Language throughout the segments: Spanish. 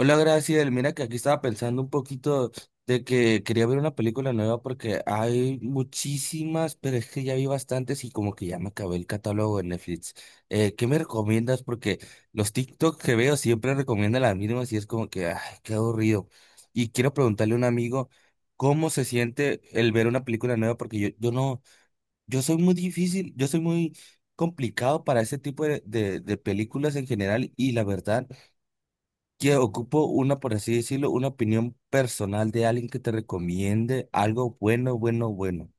Hola, Graciela. Mira que aquí estaba pensando un poquito de que quería ver una película nueva porque hay muchísimas, pero es que ya vi bastantes y como que ya me acabé el catálogo de Netflix. ¿Qué me recomiendas? Porque los TikTok que veo siempre recomiendan las mismas y es como que, ay, qué aburrido. Y quiero preguntarle a un amigo cómo se siente el ver una película nueva porque yo no, yo soy muy difícil, yo soy muy complicado para ese tipo de películas en general, y la verdad que ocupo una, por así decirlo, una opinión personal de alguien que te recomiende algo bueno, bueno, bueno.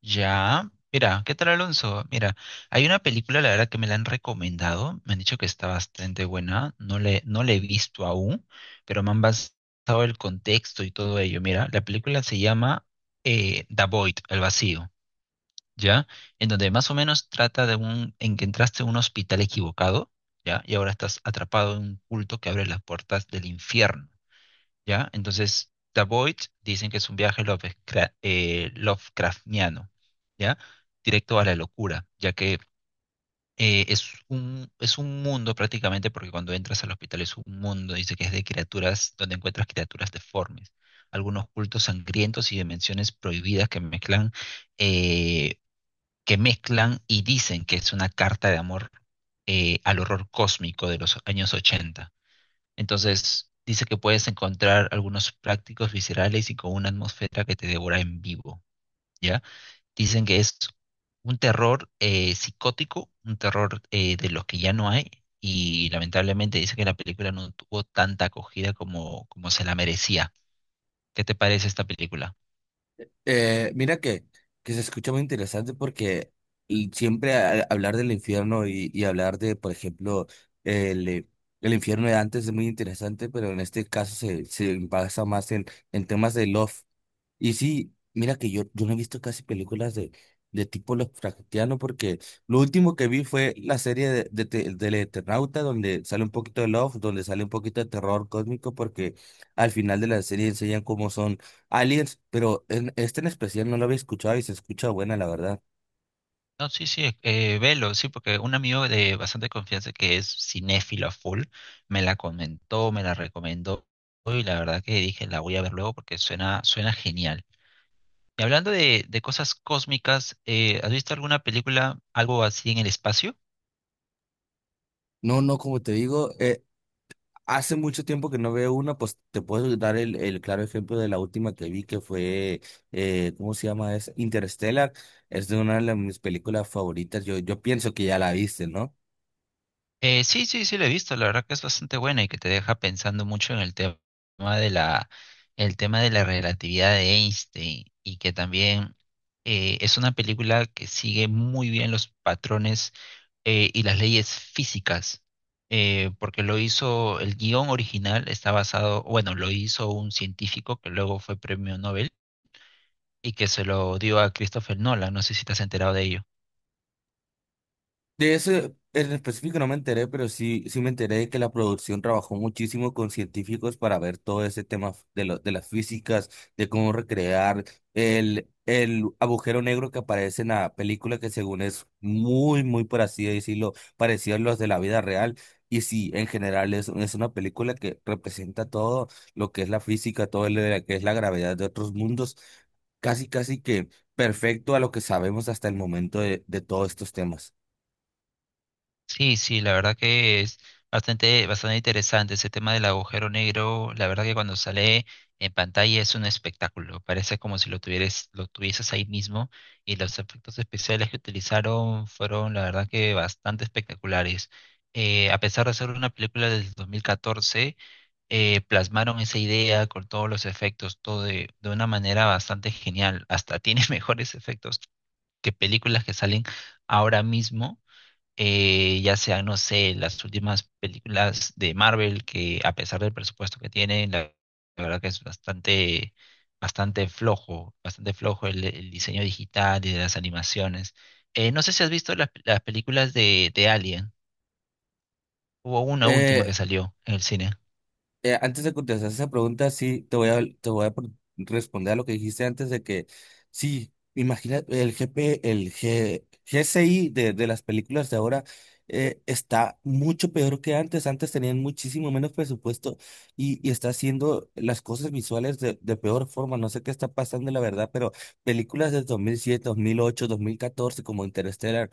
Ya, mira, ¿qué tal Alonso? Mira, hay una película, la verdad que me la han recomendado, me han dicho que está bastante buena, no la he visto aún, pero me han basado el contexto y todo ello. Mira, la película se llama The Void, El Vacío, ¿ya? En donde más o menos trata de un, en que entraste a un hospital equivocado, ¿ya? Y ahora estás atrapado en un culto que abre las puertas del infierno. ¿Ya? Entonces, The Void dicen que es un viaje Lovecraftiano, ¿ya? Directo a la locura, ya que es un mundo prácticamente, porque cuando entras al hospital es un mundo, dice que es de criaturas, donde encuentras criaturas deformes, algunos cultos sangrientos y dimensiones prohibidas eh, que mezclan y dicen que es una carta de amor al horror cósmico de los años 80. Entonces, dice que puedes encontrar algunos prácticos viscerales y con una atmósfera que te devora en vivo, ¿ya? Dicen que es un terror psicótico, un terror de los que ya no hay, y lamentablemente dice que la película no tuvo tanta acogida como, como se la merecía. ¿Qué te parece esta película? Mira que se escucha muy interesante porque y siempre hablar del infierno y hablar de, por ejemplo, el, eh, el infierno de antes es muy interesante, pero en este caso se basa más en temas de love. Y sí, mira que yo no he visto casi películas de tipo Lovecraftiano porque lo último que vi fue la serie del Eternauta donde sale un poquito de love, donde sale un poquito de terror cósmico porque al final de la serie enseñan cómo son aliens, pero en este, en especial, no lo había escuchado y se escucha buena, la verdad. No, sí, sí, velo, sí, porque un amigo de bastante confianza que es cinéfilo a full me la comentó, me la recomendó y la verdad que dije la voy a ver luego porque suena, suena genial. Y hablando de cosas cósmicas, ¿has visto alguna película, algo así en el espacio? No, no, como te digo, hace mucho tiempo que no veo una, pues te puedo dar el claro ejemplo de la última que vi, que fue, ¿cómo se llama? Es Interstellar. Es de una de mis películas favoritas. Yo pienso que ya la viste, ¿no? Sí, sí, sí, la he visto, la verdad que es bastante buena y que te deja pensando mucho en el tema de la, el tema de la relatividad de Einstein y que también es una película que sigue muy bien los patrones y las leyes físicas, porque lo hizo, el guión original está basado, bueno, lo hizo un científico que luego fue premio Nobel y que se lo dio a Christopher Nolan, no sé si te has enterado de ello. De eso en específico no me enteré, pero sí, sí me enteré de que la producción trabajó muchísimo con científicos para ver todo ese tema de las físicas, de cómo recrear el agujero negro que aparece en la película, que según es muy, muy, por así decirlo, parecido a los de la vida real. Y sí, en general es una película que representa todo lo que es la física, todo lo que es la gravedad de otros mundos, casi, casi que perfecto a lo que sabemos hasta el momento de todos estos temas. Sí, sí, la verdad que es bastante, bastante interesante ese tema del agujero negro. La verdad que cuando sale en pantalla es un espectáculo. Parece como si lo tuvieras, lo tuvieses ahí mismo. Y los efectos especiales que utilizaron fueron, la verdad que bastante espectaculares. A pesar de ser una película del 2014, plasmaron esa idea con todos los efectos, de una manera bastante genial. Hasta tiene mejores efectos que películas que salen ahora mismo, ya sea no sé, las últimas películas de Marvel, que a pesar del presupuesto que tienen, la verdad que es bastante, bastante flojo el diseño digital y de las animaciones. No sé si has visto las películas de Alien. Hubo una última que Eh, salió en el cine. Antes de contestar esa pregunta, sí, te voy a responder a lo que dijiste antes de que, sí, imagina el G P el G- GCI de las películas de ahora, está mucho peor que antes. Antes tenían muchísimo menos presupuesto y está haciendo las cosas visuales de peor forma. No sé qué está pasando, la verdad, pero películas de dos mil siete, 2008, 2014, como Interstellar,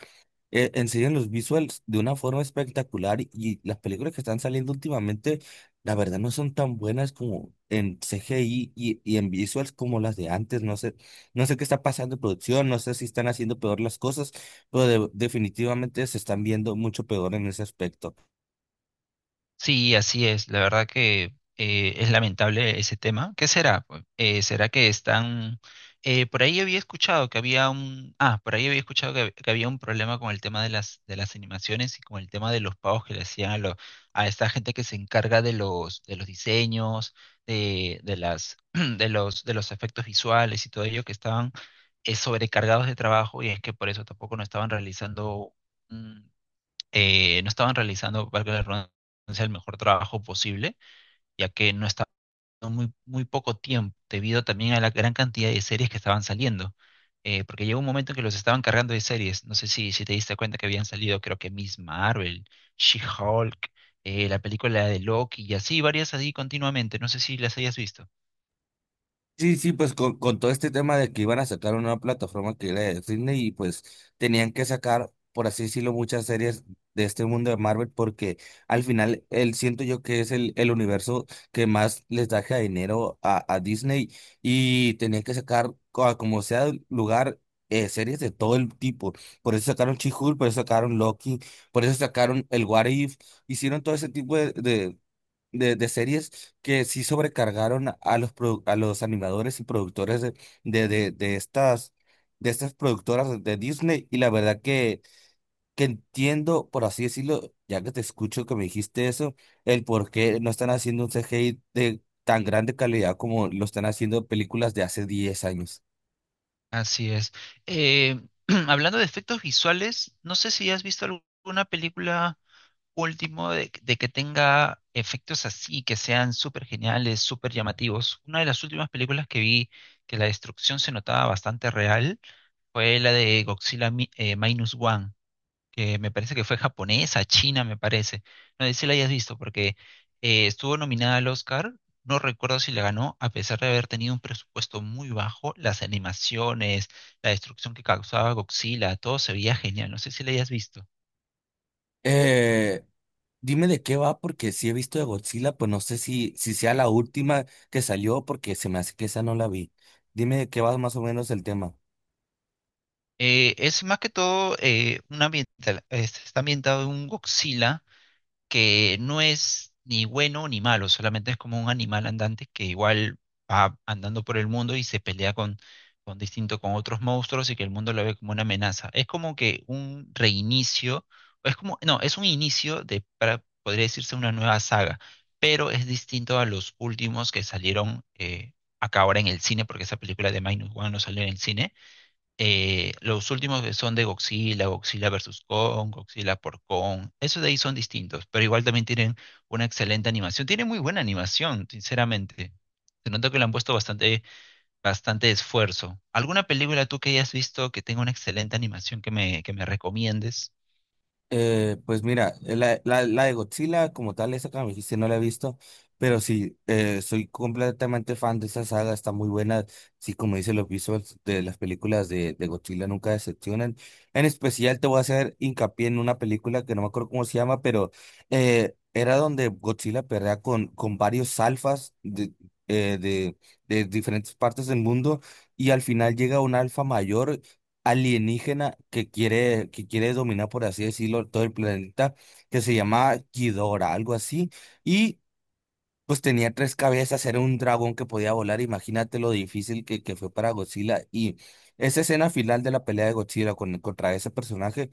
enseñan los visuals de una forma espectacular, y las películas que están saliendo últimamente la verdad no son tan buenas como en CGI y en visuals como las de antes. No sé, no sé qué está pasando en producción, no sé si están haciendo peor las cosas, pero definitivamente se están viendo mucho peor en ese aspecto. Sí, así es. La verdad que es lamentable ese tema. ¿Qué será, pues? ¿Será que están... por ahí había escuchado que había un... Ah, por ahí había escuchado que había un problema con el tema de de las animaciones y con el tema de los pagos que le hacían a esta gente que se encarga de de los diseños, de las, de los efectos visuales y todo ello que estaban sobrecargados de trabajo y es que por eso tampoco no estaban realizando no estaban realizando, valga la redundancia, el mejor trabajo posible, ya que no estaban muy, muy poco tiempo, debido también a la gran cantidad de series que estaban saliendo. Porque llegó un momento en que los estaban cargando de series. No sé si, si te diste cuenta que habían salido, creo que Miss Marvel, She-Hulk, la película de Loki y así, varias así continuamente. No sé si las hayas visto. Sí, sí, pues con todo este tema de que iban a sacar una plataforma que era de Disney y pues tenían que sacar, por así decirlo, muchas series de este mundo de Marvel porque al final él siento yo que es el universo que más les da dinero a Disney y tenían que sacar a como sea el lugar, series de todo el tipo. Por eso sacaron She-Hulk, por eso sacaron Loki, por eso sacaron el What If, hicieron todo ese tipo de, de series que sí sobrecargaron a los animadores y productores de, de, de estas, de estas productoras de Disney. Y la verdad que, entiendo, por así decirlo, ya que te escucho que me dijiste eso, el por qué no están haciendo un CGI de tan grande calidad como lo están haciendo películas de hace 10 años. Así es. Eh, hablando de efectos visuales, no sé si has visto alguna película último de que tenga efectos así, que sean súper geniales, súper llamativos. Una de las últimas películas que vi que la destrucción se notaba bastante real fue la de Godzilla Minus One, que me parece que fue japonesa, china, me parece. No sé si la hayas visto, porque estuvo nominada al Oscar. No recuerdo si la ganó, a pesar de haber tenido un presupuesto muy bajo, las animaciones, la destrucción que causaba Godzilla, todo se veía genial. No sé si la hayas visto. Eh, Dime de qué va, porque si he visto de Godzilla, pues no sé si sea la última que salió, porque se me hace que esa no la vi. Dime de qué va más o menos el tema. Es más que todo, un ambiental, está ambientado en un Godzilla que no es ni bueno ni malo, solamente es como un animal andante que igual va andando por el mundo y se pelea con distinto con otros monstruos y que el mundo lo ve como una amenaza. Es como que un reinicio, es como, no, es un inicio de, para, podría decirse una nueva saga, pero es distinto a los últimos que salieron, acá ahora en el cine, porque esa película de Minus One no salió en el cine. Los últimos que son de Godzilla, Godzilla versus Kong, Godzilla por Kong, esos de ahí son distintos, pero igual también tienen una excelente animación. Tienen muy buena animación, sinceramente. Se nota que le han puesto bastante, bastante esfuerzo. ¿Alguna película tú que hayas visto que tenga una excelente animación que me recomiendes? Pues mira, la de Godzilla como tal, esa que me dijiste, no la he visto, pero sí, soy completamente fan de esa saga, está muy buena, sí, como dice los visuals de las películas de Godzilla nunca decepcionan. En especial te voy a hacer hincapié en una película que no me acuerdo cómo se llama, pero era donde Godzilla pelea con varios alfas eh, de, de diferentes partes del mundo y al final llega un alfa mayor alienígena que quiere dominar, por así decirlo, todo el planeta, que se llama Ghidorah, algo así, y pues tenía tres cabezas, era un dragón que podía volar. Imagínate lo difícil que fue para Godzilla, y esa escena final de la pelea de Godzilla contra ese personaje,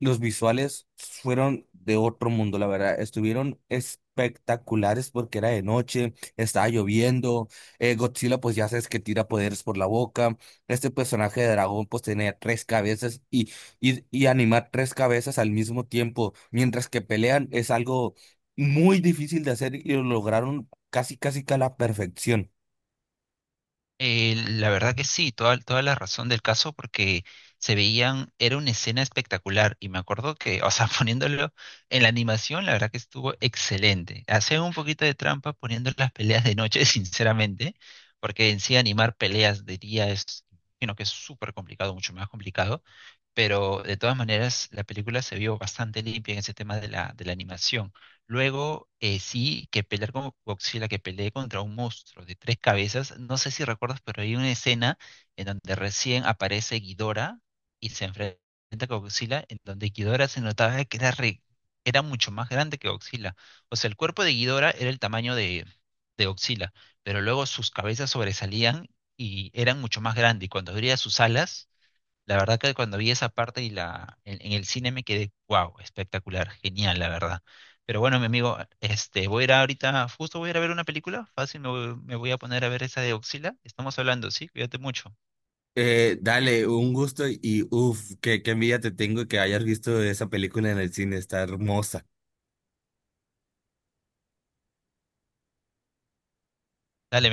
los visuales fueron de otro mundo, la verdad. Estuvieron espectaculares porque era de noche, estaba lloviendo. Godzilla, pues ya sabes que tira poderes por la boca. Este personaje de dragón, pues tenía tres cabezas y animar tres cabezas al mismo tiempo mientras que pelean es algo muy difícil de hacer y lo lograron casi, casi que a la perfección. La verdad que sí, toda, toda la razón del caso, porque se veían, era una escena espectacular y me acuerdo que, o sea, poniéndolo en la animación, la verdad que estuvo excelente. Hacían un poquito de trampa poniendo las peleas de noche, sinceramente, porque en sí animar peleas de día es, sino que es súper complicado, mucho más complicado, pero de todas maneras la película se vio bastante limpia en ese tema de de la animación. Luego, sí, que pelear con Godzilla, que pelee contra un monstruo de tres cabezas. No sé si recuerdas, pero hay una escena en donde recién aparece Ghidorah y se enfrenta con Godzilla, en donde Ghidorah se notaba que era mucho más grande que Godzilla. O sea, el cuerpo de Ghidorah era el tamaño de Godzilla, pero luego sus cabezas sobresalían y eran mucho más grandes. Y cuando abría sus alas, la verdad que cuando vi esa parte en el cine me quedé, wow, espectacular, genial, la verdad. Pero bueno, mi amigo, este, voy a ir ahorita, justo voy a ir a ver una película, fácil, me voy a poner a ver esa de Oxila. Estamos hablando, ¿sí? Cuídate mucho. Dale, un gusto y uff, qué envidia te tengo que hayas visto esa película en el cine, está hermosa. Dale,